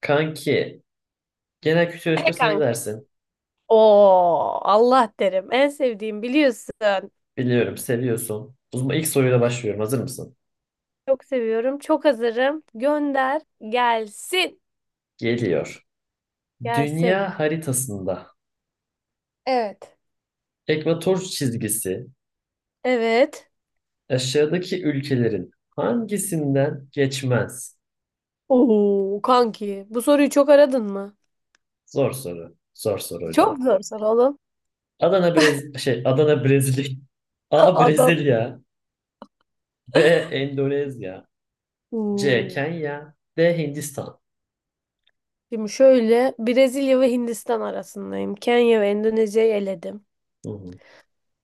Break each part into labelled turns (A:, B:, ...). A: Kanki, genel kültür
B: Ne
A: yarışmasına ne
B: kanki?
A: dersin?
B: Oo, Allah derim. En sevdiğim biliyorsun.
A: Biliyorum, seviyorsun. O zaman ilk soruyla başlıyorum. Hazır mısın?
B: Çok seviyorum. Çok hazırım. Gönder. Gelsin.
A: Geliyor.
B: Gelsin.
A: Dünya haritasında
B: Evet.
A: ekvator çizgisi
B: Evet.
A: aşağıdaki ülkelerin hangisinden geçmez?
B: Oo, kanki. Bu soruyu çok aradın mı?
A: Zor soru. Zor soru
B: Çok
A: hocam.
B: zor soru oğlum.
A: Adana Brezilya. A
B: Adam.
A: Brezilya, B Endonezya, C
B: Oo.
A: Kenya, D Hindistan.
B: Şimdi şöyle Brezilya ve Hindistan arasındayım. Kenya ve Endonezya'yı eledim.
A: Hı hı.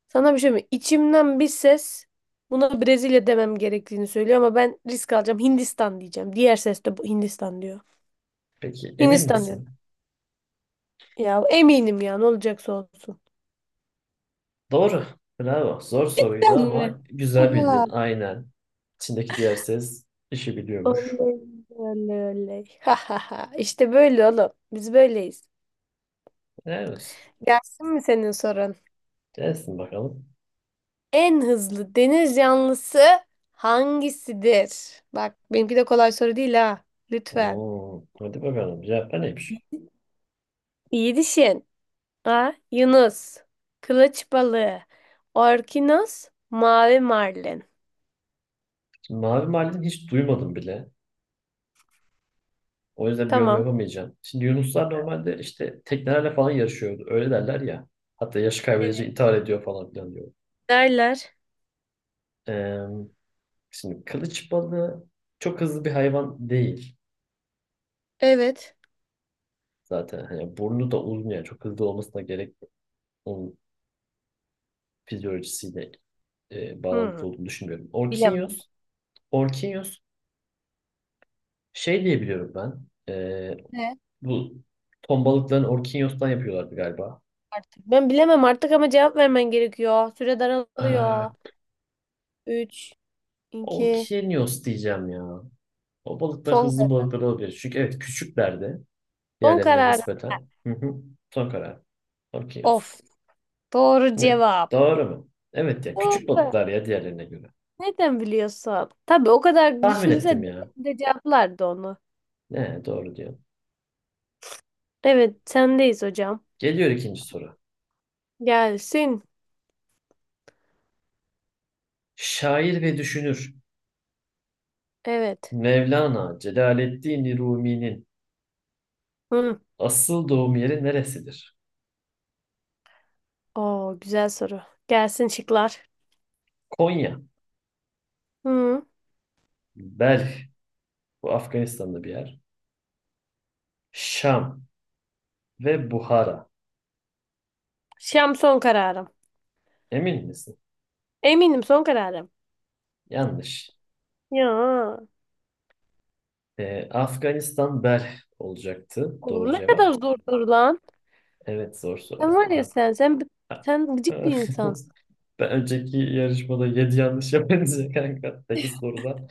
B: Sana bir şey mi? İçimden bir ses buna Brezilya demem gerektiğini söylüyor ama ben risk alacağım. Hindistan diyeceğim. Diğer ses de bu Hindistan diyor.
A: Peki emin
B: Hindistan diyorum.
A: misin?
B: Ya eminim ya ne olacaksa olsun.
A: Doğru. Bravo. Zor soruydu
B: Ben mi?
A: ama güzel bildin.
B: Oha.
A: Aynen. İçindeki diğer ses işi biliyormuş.
B: Oley, oley, oley. Ha ha ha. İşte böyle oğlum. Biz böyleyiz.
A: Evet.
B: Gelsin mi senin sorun?
A: Gelsin bakalım.
B: En hızlı deniz canlısı hangisidir? Bak benimki de kolay soru değil ha. Lütfen.
A: Oo, hadi bakalım. Cevap neymiş?
B: İyi düşün. A. Yunus. Kılıç balığı. Orkinos. Mavi marlin.
A: Şimdi mavi marlin hiç duymadım bile. O yüzden bir yorum
B: Tamam.
A: yapamayacağım. Şimdi yunuslar normalde işte teknelerle falan yarışıyordu. Öyle derler ya. Hatta yaşı kaybedince
B: Evet.
A: intihar ediyor falan filan diyor.
B: Derler.
A: Ee, şimdi kılıç balığı çok hızlı bir hayvan değil
B: Evet.
A: zaten. Hani burnu da uzun yani çok hızlı olmasına gerek yok. Onun fizyolojisiyle
B: Hmm.
A: bağlantılı olduğunu düşünmüyorum.
B: Bilemem
A: Orkinyos şey diye biliyorum ben. E, bu ton balıklarını Orkinyos'tan yapıyorlardı galiba.
B: artık. Ben bilemem artık ama cevap vermen gerekiyor. Süre daralıyor.
A: Ee,
B: 3, 2.
A: Orkinyos diyeceğim ya. O balıklar
B: Son
A: hızlı
B: karar.
A: balıklar olabilir. Çünkü evet küçüklerdi
B: son
A: diğerlerine
B: karar.
A: nispeten. Hı hı. Son karar. Orkinyos.
B: Of. Doğru
A: Ne?
B: cevap.
A: Doğru mu? Evet ya küçük
B: Doğru.
A: balıklar ya diğerlerine göre.
B: Neden biliyorsun? Tabii o kadar
A: Tahmin
B: düşünse
A: ettim
B: de,
A: ya.
B: de cevaplardı onu.
A: Ne doğru diyor.
B: Evet, sendeyiz hocam.
A: Geliyor ikinci soru.
B: Gelsin.
A: Şair ve düşünür.
B: Evet.
A: Mevlana Celaleddin Rumi'nin
B: Hı.
A: asıl doğum yeri neresidir?
B: Oo, güzel soru. Gelsin şıklar.
A: Konya,
B: Hı.
A: Belh, bu Afganistan'da bir yer. Şam ve Buhara.
B: Şam son kararım.
A: Emin misin?
B: Eminim son kararım.
A: Yanlış.
B: Ya.
A: Afganistan Belh olacaktı. Doğru
B: Oğlum ne kadar
A: cevap.
B: zor soru lan.
A: Evet zor soru.
B: Sen var ya
A: Ar-
B: sen gıcık bir insansın.
A: Ben önceki yarışmada 7 yanlış yapınca kanka 8 soruda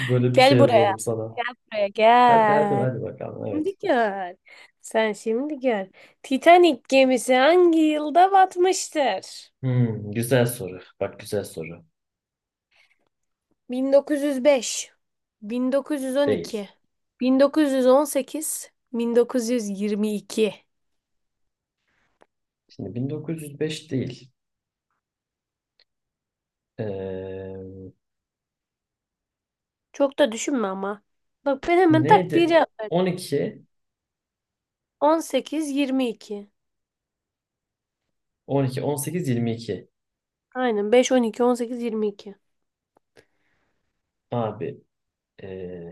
A: böyle bir şey
B: Gel buraya.
A: yazalım sana.
B: Buraya
A: Hadi hadi
B: gel.
A: hadi bakalım
B: Şimdi
A: evet.
B: gör. Sen şimdi gör. Titanic gemisi hangi yılda batmıştır?
A: Hmm, güzel soru. Bak güzel soru.
B: 1905,
A: Değil.
B: 1912, 1918, 1922.
A: Şimdi 1905 değil. Ee,
B: Çok da düşünme ama. Bak ben hemen tak diye
A: neydi?
B: cevap verdim.
A: 12,
B: 18, 22.
A: 12, 18, 22.
B: Aynen 5, 12, 18, 22.
A: Abi ee,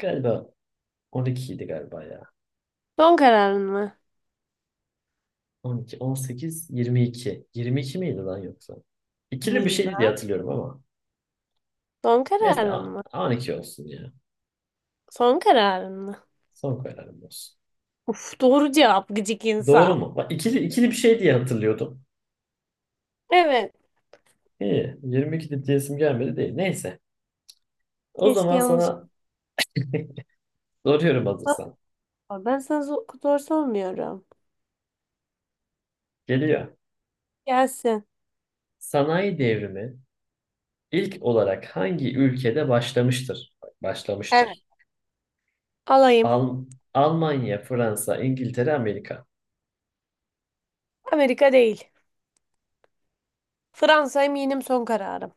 A: galiba 12 idi galiba ya.
B: Son kararın mı?
A: 12, 18, 22. 22 miydi lan yoksa? İkili bir şeydi
B: Bilmem.
A: diye hatırlıyorum ama.
B: Son
A: Neyse
B: kararın
A: a-
B: mı?
A: 12 olsun ya.
B: Son kararın mı?
A: Son kararım olsun.
B: Uf, doğru cevap gıcık
A: Doğru
B: insan.
A: mu? Bak ikili, ikili bir şey diye hatırlıyordum.
B: Evet.
A: İyi. 22 de diyesim gelmedi değil. Neyse. O
B: Keşke
A: zaman
B: yanlışlıkla.
A: sana soruyorum hazırsan.
B: Ben sana zor sormuyorum.
A: Geliyor.
B: Gelsin.
A: Sanayi devrimi İlk olarak hangi ülkede başlamıştır? Bak,
B: Evet.
A: başlamıştır.
B: Alayım.
A: Al Almanya, Fransa, İngiltere, Amerika.
B: Amerika değil. Fransa, eminim son kararım.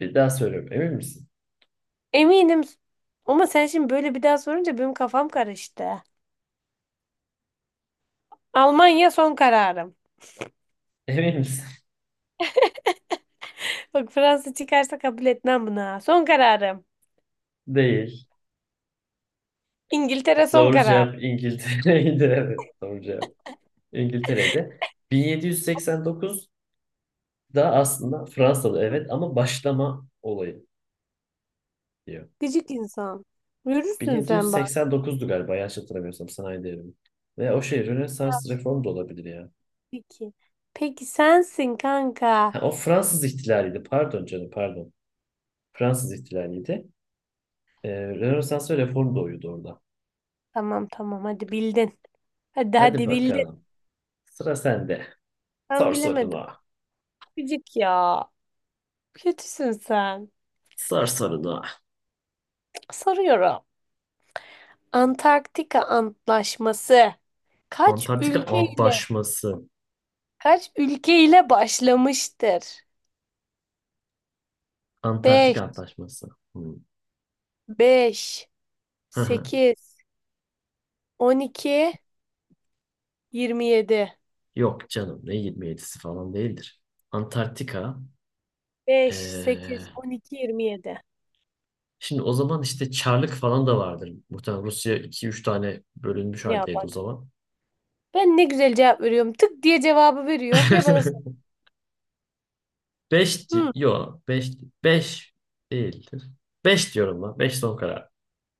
A: Bir daha söylüyorum. Emin misin?
B: Eminim. Ama sen şimdi böyle bir daha sorunca benim kafam karıştı. Almanya son kararım.
A: Emin misin?
B: Bak Fransa çıkarsa kabul etmem buna. Son kararım.
A: Değil.
B: İngiltere son
A: Doğru
B: karar.
A: cevap İngiltere'ydi. Evet, doğru cevap İngiltere'ydi. 1789'da aslında Fransa'da evet ama başlama olayı diyor.
B: Gıcık insan. Yürürsün sen bak.
A: 1789'du galiba yanlış hatırlamıyorsam sanayi devrimi. Ve o şey
B: Ya.
A: Rönesans reformu da olabilir ya.
B: Peki. Peki sensin
A: Ha,
B: kanka.
A: o Fransız ihtilaliydi. Pardon canım pardon. Fransız ihtilaliydi. Ee, Rönesans ve reform doğuyordu orada.
B: Tamam, tamam, hadi bildin. Hadi,
A: Hadi
B: hadi bildin.
A: bakalım. Sıra sende.
B: Ben
A: Sor
B: bilemedim.
A: sorunu.
B: Gıcık ya. Kötüsün sen.
A: Sor sorunu.
B: Soruyorum. Antarktika Antlaşması kaç
A: Antarktika
B: ülkeyle
A: Antlaşması.
B: kaç ülkeyle başlamıştır?
A: Antarktika
B: Beş,
A: Antlaşması. Hmm.
B: beş,
A: Hı hı.
B: sekiz, 12, 27.
A: Yok canım ne 27'si falan değildir. Antarktika.
B: Beş,
A: ee,
B: sekiz, on iki, yirmi yedi.
A: şimdi o zaman işte Çarlık falan da vardır. Muhtemelen Rusya iki üç tane bölünmüş
B: Ya
A: haldeydi o
B: bak.
A: zaman.
B: Ben ne güzel cevap veriyorum. Tık diye cevabı veriyorum. Ya bana sor.
A: 5
B: Hı,
A: yok 5 5 değildir. 5 diyorum lan. 5 son karar.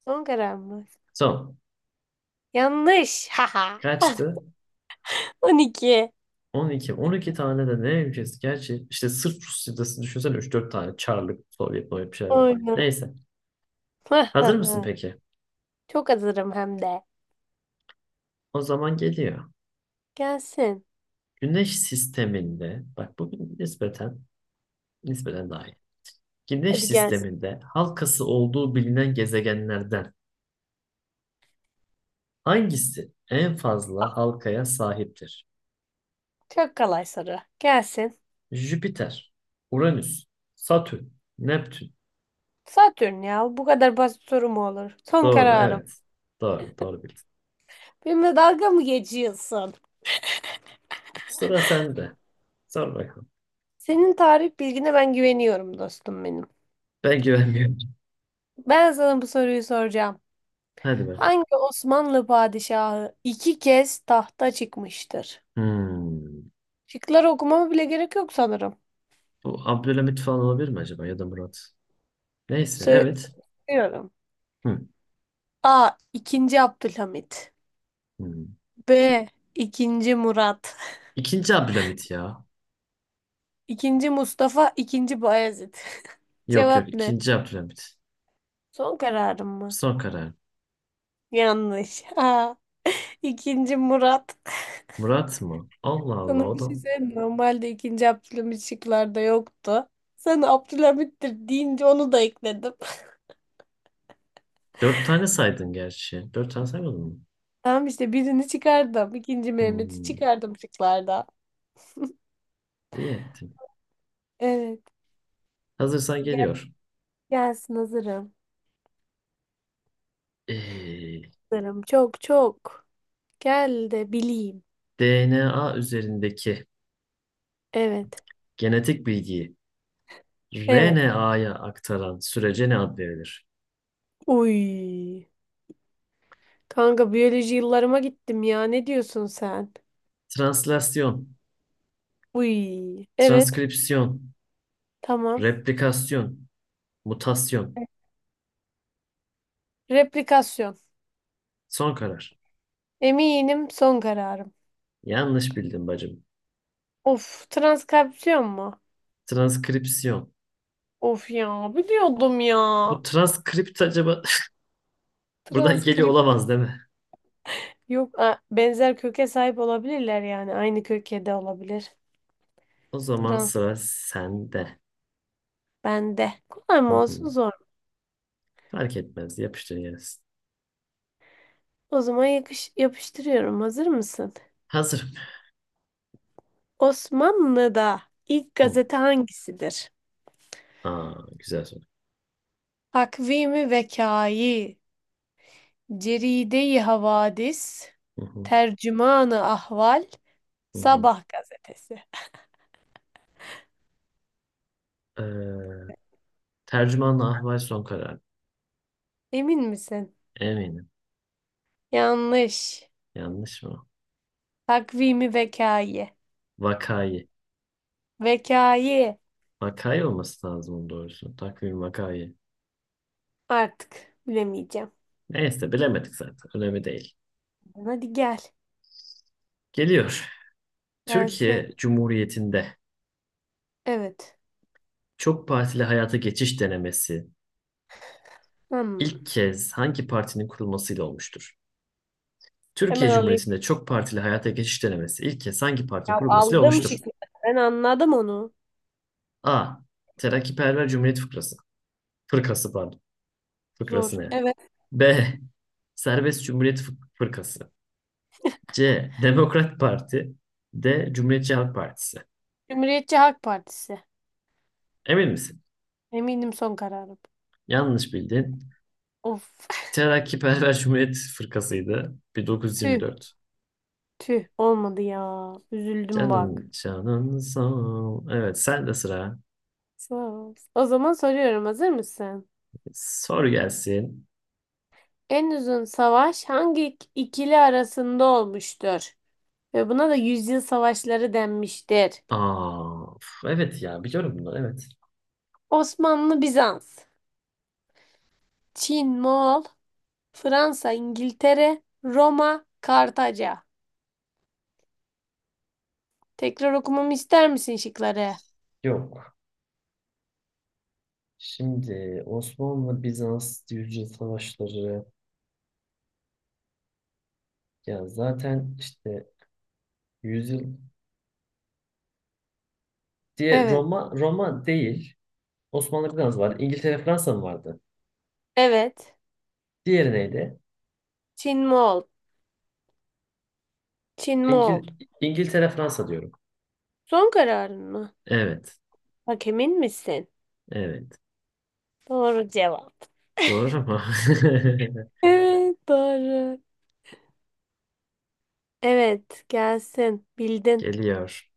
B: son karar mı?
A: Son.
B: Yanlış. Haha.
A: Kaçtı?
B: 12.
A: 12, 12 tane de ne ülkesi? Gerçi işte sırf Rusya'dası düşünsene üç dört tane Çarlık, Sovyet, Sovyet bir şeyler var.
B: Oyna.
A: Neyse. Hazır mısın peki?
B: Çok hazırım hem de.
A: O zaman geliyor.
B: Gelsin.
A: Güneş sisteminde, bak bu nispeten, nispeten daha iyi. Güneş
B: Hadi gel.
A: sisteminde halkası olduğu bilinen gezegenlerden hangisi en fazla halkaya sahiptir?
B: Çok kolay soru. Gelsin.
A: Jüpiter, Uranüs, Satürn, Neptün.
B: Satürn ya. Bu kadar basit soru mu olur? Son
A: Doğru,
B: kararım.
A: evet. Doğru, doğru bildin.
B: Benimle dalga mı geçiyorsun?
A: Sıra sende. Sor bakalım.
B: Senin tarih bilgine ben güveniyorum, dostum benim.
A: Ben güvenmiyorum.
B: Ben sana bu soruyu soracağım.
A: Hadi bakalım.
B: Hangi Osmanlı padişahı iki kez tahta çıkmıştır?
A: Hmm.
B: Şıkları okumama bile gerek yok sanırım.
A: Bu Abdülhamit falan olabilir mi acaba ya da Murat? Neyse evet.
B: Söylüyorum.
A: Hı.
B: A. İkinci Abdülhamit.
A: Hmm.
B: B. İkinci Murat.
A: İkinci Abdülhamit ya.
B: İkinci Mustafa. İkinci Bayezid.
A: Yok yok
B: Cevap ne?
A: ikinci Abdülhamit.
B: Son kararım mı?
A: Son karar.
B: Yanlış. Aa, ikinci Murat.
A: Murat mı? Allah Allah
B: Sana
A: o
B: bir
A: da.
B: şey söyleyeyim mi? Normalde ikinci Abdülhamit şıklarda yoktu. Sana Abdülhamit'tir deyince onu da ekledim.
A: Dört tane saydın gerçi. Dört tane saymadın mı?
B: Tamam işte, birini çıkardım. İkinci Mehmet'i
A: Hmm.
B: çıkardım şıklarda.
A: İyi ettin.
B: Evet.
A: Hazırsan
B: Gel,
A: geliyor.
B: gelsin hazırım.
A: Ee,
B: Hazırım. Çok çok. Gel de bileyim.
A: DNA üzerindeki
B: Evet.
A: genetik bilgiyi
B: Evet.
A: RNA'ya aktaran sürece ne ad verilir?
B: Uy. Kanka, biyoloji yıllarıma gittim ya. Ne diyorsun sen?
A: Translasyon,
B: Uy. Evet.
A: transkripsiyon,
B: Tamam.
A: replikasyon, mutasyon.
B: Replikasyon.
A: Son karar.
B: Eminim son kararım.
A: Yanlış bildim bacım.
B: Of, transkripsiyon mu?
A: Transkripsiyon.
B: Of ya, biliyordum ya.
A: Bu transkript acaba buradan geliyor
B: Transkrip
A: olamaz değil mi?
B: yok. Benzer köke sahip olabilirler yani. Aynı köke de olabilir.
A: O zaman
B: Trans
A: sıra sende.
B: bende. Kolay
A: Hı
B: mı
A: hı.
B: olsun zor mu?
A: Fark etmez. Yapıştır gelsin.
B: O zaman yapıştırıyorum. Hazır mısın?
A: Hazırım.
B: Osmanlı'da ilk
A: Hı.
B: gazete hangisidir?
A: Aa, güzel soru.
B: Takvimi Vekayi, Ceride-i Havadis,
A: Hı hı.
B: Tercümanı Ahval,
A: Hı hı.
B: Sabah gazetesi.
A: Ee, tercümanla ahval son karar.
B: Emin misin?
A: Eminim.
B: Yanlış.
A: Yanlış mı?
B: Takvimi vekayı.
A: Vakayı.
B: Vekayı.
A: Vakayı olması lazım onun doğrusu. Takvim vakayı.
B: Artık bilemeyeceğim.
A: Neyse bilemedik zaten. Önemli değil.
B: Hadi gel.
A: Geliyor.
B: Gelsin.
A: Türkiye Cumhuriyeti'nde
B: Evet.
A: çok partili hayata geçiş denemesi
B: Hmm.
A: ilk kez hangi partinin kurulmasıyla olmuştur?
B: Hemen
A: Türkiye
B: alayım.
A: Cumhuriyeti'nde çok partili hayata geçiş denemesi ilk kez hangi partinin
B: Ya,
A: kurulmasıyla
B: aldım
A: olmuştur?
B: şıkkı. Ben anladım onu.
A: A. Terakkiperver Cumhuriyet Fıkrası. Fırkası pardon. Fıkrası
B: Zor.
A: ne?
B: Evet.
A: B. Serbest Cumhuriyet Fırkası. C. Demokrat Parti. D. Cumhuriyetçi Halk Partisi.
B: Cumhuriyetçi Halk Partisi.
A: Emin misin?
B: Eminim son kararım.
A: Yanlış bildin.
B: Of.
A: Terakkiperver Cumhuriyet Fırkası'ydı.
B: Tüh.
A: 1924.
B: Tüh. Olmadı ya. Üzüldüm bak.
A: Canın canın sağ ol. Evet sen de sıra.
B: Sağ ol. O zaman soruyorum. Hazır mısın?
A: Soru gelsin.
B: En uzun savaş hangi ikili arasında olmuştur ve buna da yüzyıl savaşları denmiştir.
A: Aa, uf, evet ya biliyorum bunu evet.
B: Osmanlı, Bizans. Çin, Moğol. Fransa, İngiltere. Roma, Kartaca. Tekrar okumamı ister misin şıkları?
A: Yok. Şimdi Osmanlı Bizans yüzyıl savaşları ya zaten işte yüzyıl diye
B: Evet.
A: Roma değil. Osmanlı Bizans var. İngiltere Fransa mı vardı?
B: Evet.
A: Diğeri neydi?
B: Çin, Moğol. Çin,
A: İngil
B: Moğol.
A: İngiltere Fransa diyorum.
B: Son kararın mı?
A: Evet.
B: Bak, emin misin?
A: Evet.
B: Doğru cevap.
A: Doğru ama
B: Evet, doğru. Evet, gelsin. Bildin.
A: geliyor.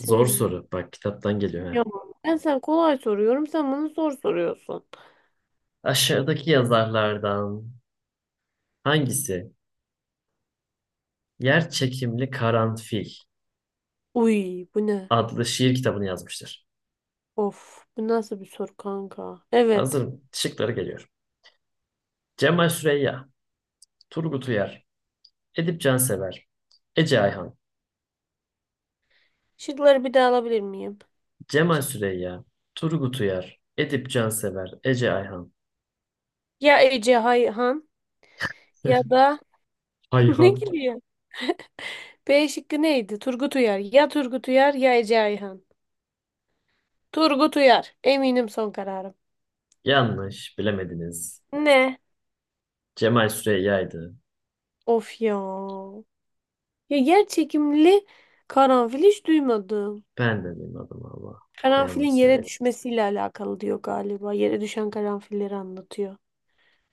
A: Zor soru. Bak kitaptan geliyor
B: Yo.
A: ha.
B: Ben sana kolay soruyorum. Sen bana zor soruyorsun.
A: Aşağıdaki yazarlardan hangisi Yer Çekimli Karanfil
B: Uy, bu ne?
A: adlı şiir kitabını yazmıştır?
B: Of, bu nasıl bir soru kanka? Evet.
A: Hazırım. Şıkları geliyor. Cemal Süreyya, Turgut Uyar, Edip Cansever, Ece Ayhan.
B: Şıkları bir daha alabilir miyim?
A: Cemal Süreyya, Turgut Uyar, Edip Cansever, Ece Ayhan.
B: Ya Ece Hayhan ya da ne
A: Ayhan.
B: gülüyor? B şıkkı neydi? Turgut Uyar. Ya Turgut Uyar ya Ece Ayhan. Turgut Uyar. Eminim son kararım.
A: Yanlış, bilemediniz.
B: Ne?
A: Cemal Süreyya'ydı.
B: Of ya. Ya, yer çekimli karanfil hiç duymadım.
A: Ben de benim Allah. Ne yalan
B: Karanfilin yere
A: söyleyeyim.
B: düşmesiyle alakalı diyor galiba. Yere düşen karanfilleri anlatıyor.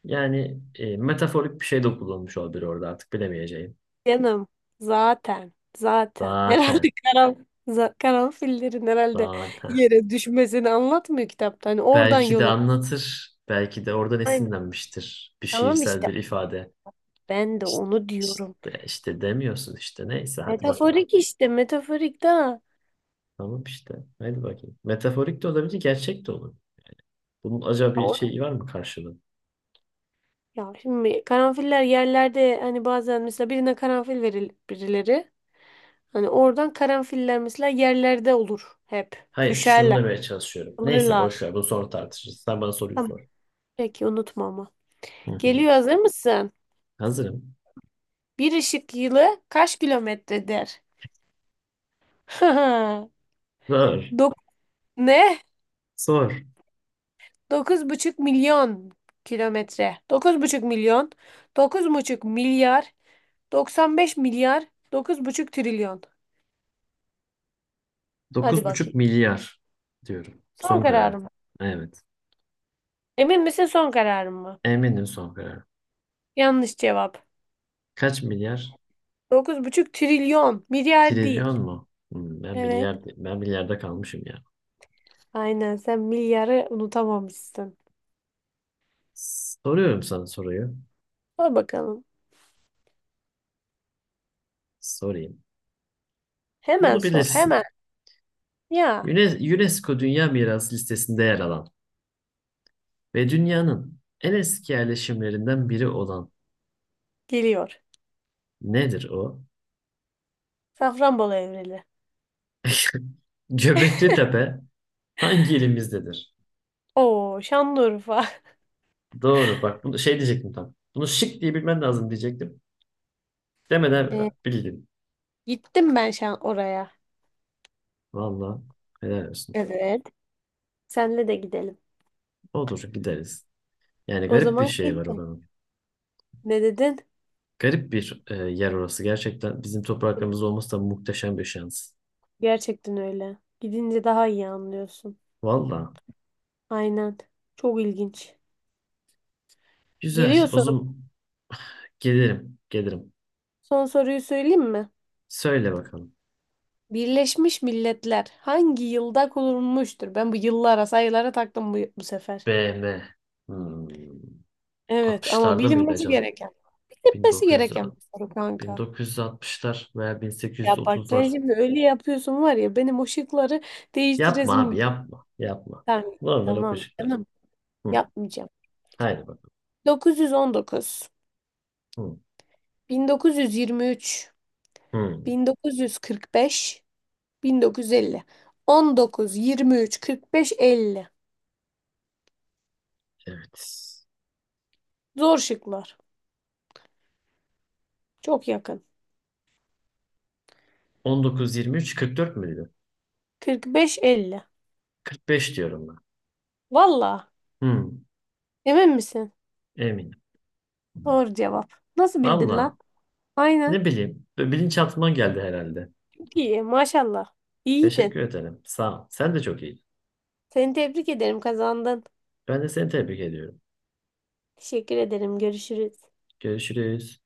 A: Yani metaforik bir şey de kullanmış olabilir orada artık bilemeyeceğim.
B: Canım zaten herhalde
A: Zaten,
B: karanfillerin herhalde
A: zaten.
B: yere düşmesini anlatmıyor kitapta. Hani oradan
A: Belki de
B: yola.
A: anlatır. Belki de oradan
B: Aynen.
A: esinlenmiştir. Bir
B: Tamam
A: şiirsel
B: işte,
A: bir ifade.
B: ben de
A: İşte,
B: onu diyorum.
A: işte, işte demiyorsun işte. Neyse hadi bakalım.
B: Metaforik işte, metaforik daha.
A: Tamam işte. Hadi bakayım. Metaforik de olabilir, gerçek de olur. Bunun acaba bir şeyi var mı karşılığı?
B: Ya şimdi karanfiller yerlerde, hani bazen mesela birine karanfil verir birileri. Hani oradan karanfiller mesela yerlerde olur hep.
A: Hayır, şunu
B: Düşerler,
A: demeye çalışıyorum. Neyse boş
B: alırlar.
A: ver. Bunu sonra tartışırız. Sen bana soruyu
B: Tamam.
A: sor.
B: Peki unutma ama.
A: Hı hı.
B: Geliyor, hazır mısın?
A: Hazırım.
B: Bir ışık yılı kaç kilometredir?
A: Sor.
B: Dok ne?
A: Sor.
B: 9,5 milyon kilometre. 9,5 milyon. 9,5 milyar. 95 milyar. 9,5 trilyon. Hadi
A: dokuz buçuk
B: bakayım.
A: milyar diyorum.
B: Son
A: Son kararım.
B: kararım.
A: Evet.
B: Emin misin, son kararın mı?
A: Eminim son kararım.
B: Yanlış cevap.
A: Kaç milyar?
B: 9,5 trilyon. Milyar
A: Trilyon
B: değil.
A: mu? Hmm,
B: Evet.
A: ben milyarda kalmışım ya.
B: Aynen, sen milyarı unutamamışsın.
A: Soruyorum sana soruyu.
B: Sor bakalım.
A: Sorayım.
B: Hemen
A: Bunu
B: sor hemen.
A: bilirsin.
B: Ya,
A: Yüne- UNESCO Dünya Mirası listesinde yer alan ve dünyanın en eski yerleşimlerinden biri olan
B: geliyor.
A: nedir o?
B: Safranbolu Evreli.
A: Göbekli Tepe hangi ilimizdedir?
B: Oo, Şanlıurfa.
A: Doğru. Bak bunu şey diyecektim tam. Bunu şık diye bilmen lazım diyecektim.
B: Ee,
A: Demeden bildim.
B: gittim ben oraya.
A: Vallahi helal olsun.
B: Evet. Senle de gidelim.
A: Olur gideriz. Yani
B: O
A: garip bir
B: zaman
A: şey var
B: gidelim.
A: oranın.
B: Ne dedin?
A: Garip bir yer orası. Gerçekten bizim topraklarımızda olması da muhteşem bir şans.
B: Gerçekten öyle. Gidince daha iyi anlıyorsun.
A: Valla.
B: Aynen. Çok ilginç.
A: Güzel.
B: Geliyor
A: O
B: sorum.
A: zaman gelirim. Gelirim.
B: Son soruyu söyleyeyim mi?
A: Söyle bakalım.
B: Birleşmiş Milletler hangi yılda kurulmuştur? Ben bu yıllara, sayılara taktım bu sefer.
A: BM. Hmm.
B: Evet ama
A: 60'larda mıydı
B: bilinmesi
A: acaba?
B: gereken, bilinmesi
A: 1900,
B: gereken bir soru kanka.
A: 1960'lar veya
B: Ya bak, sen
A: 1830'lar.
B: şimdi öyle yapıyorsun, var ya, benim o şıkları
A: Yapma abi
B: değiştiresim.
A: yapma. Yapma.
B: Tamam,
A: Normal
B: tamam
A: okuyacaklar.
B: canım,
A: Hı.
B: yapmayacağım.
A: Haydi bakalım.
B: 919, 19,
A: Hı.
B: 1923,
A: Hı.
B: 1945, 1950. 19, 23, 45, 50.
A: Evet.
B: Zor şıklar. Çok yakın.
A: 19, 23, 44 müydü?
B: 45, 50.
A: 45 diyorum ben.
B: Valla.
A: Hı.
B: Emin misin?
A: Eminim.
B: Doğru cevap. Nasıl bildin
A: Valla.
B: lan? Aynen.
A: Ne bileyim. Böyle bilinçaltıma geldi herhalde.
B: Çok iyi maşallah.
A: Teşekkür
B: İyiydin.
A: ederim. Sağ ol. Sen de çok iyiydin.
B: Seni tebrik ederim, kazandın.
A: Ben de seni tebrik ediyorum.
B: Teşekkür ederim. Görüşürüz.
A: Görüşürüz.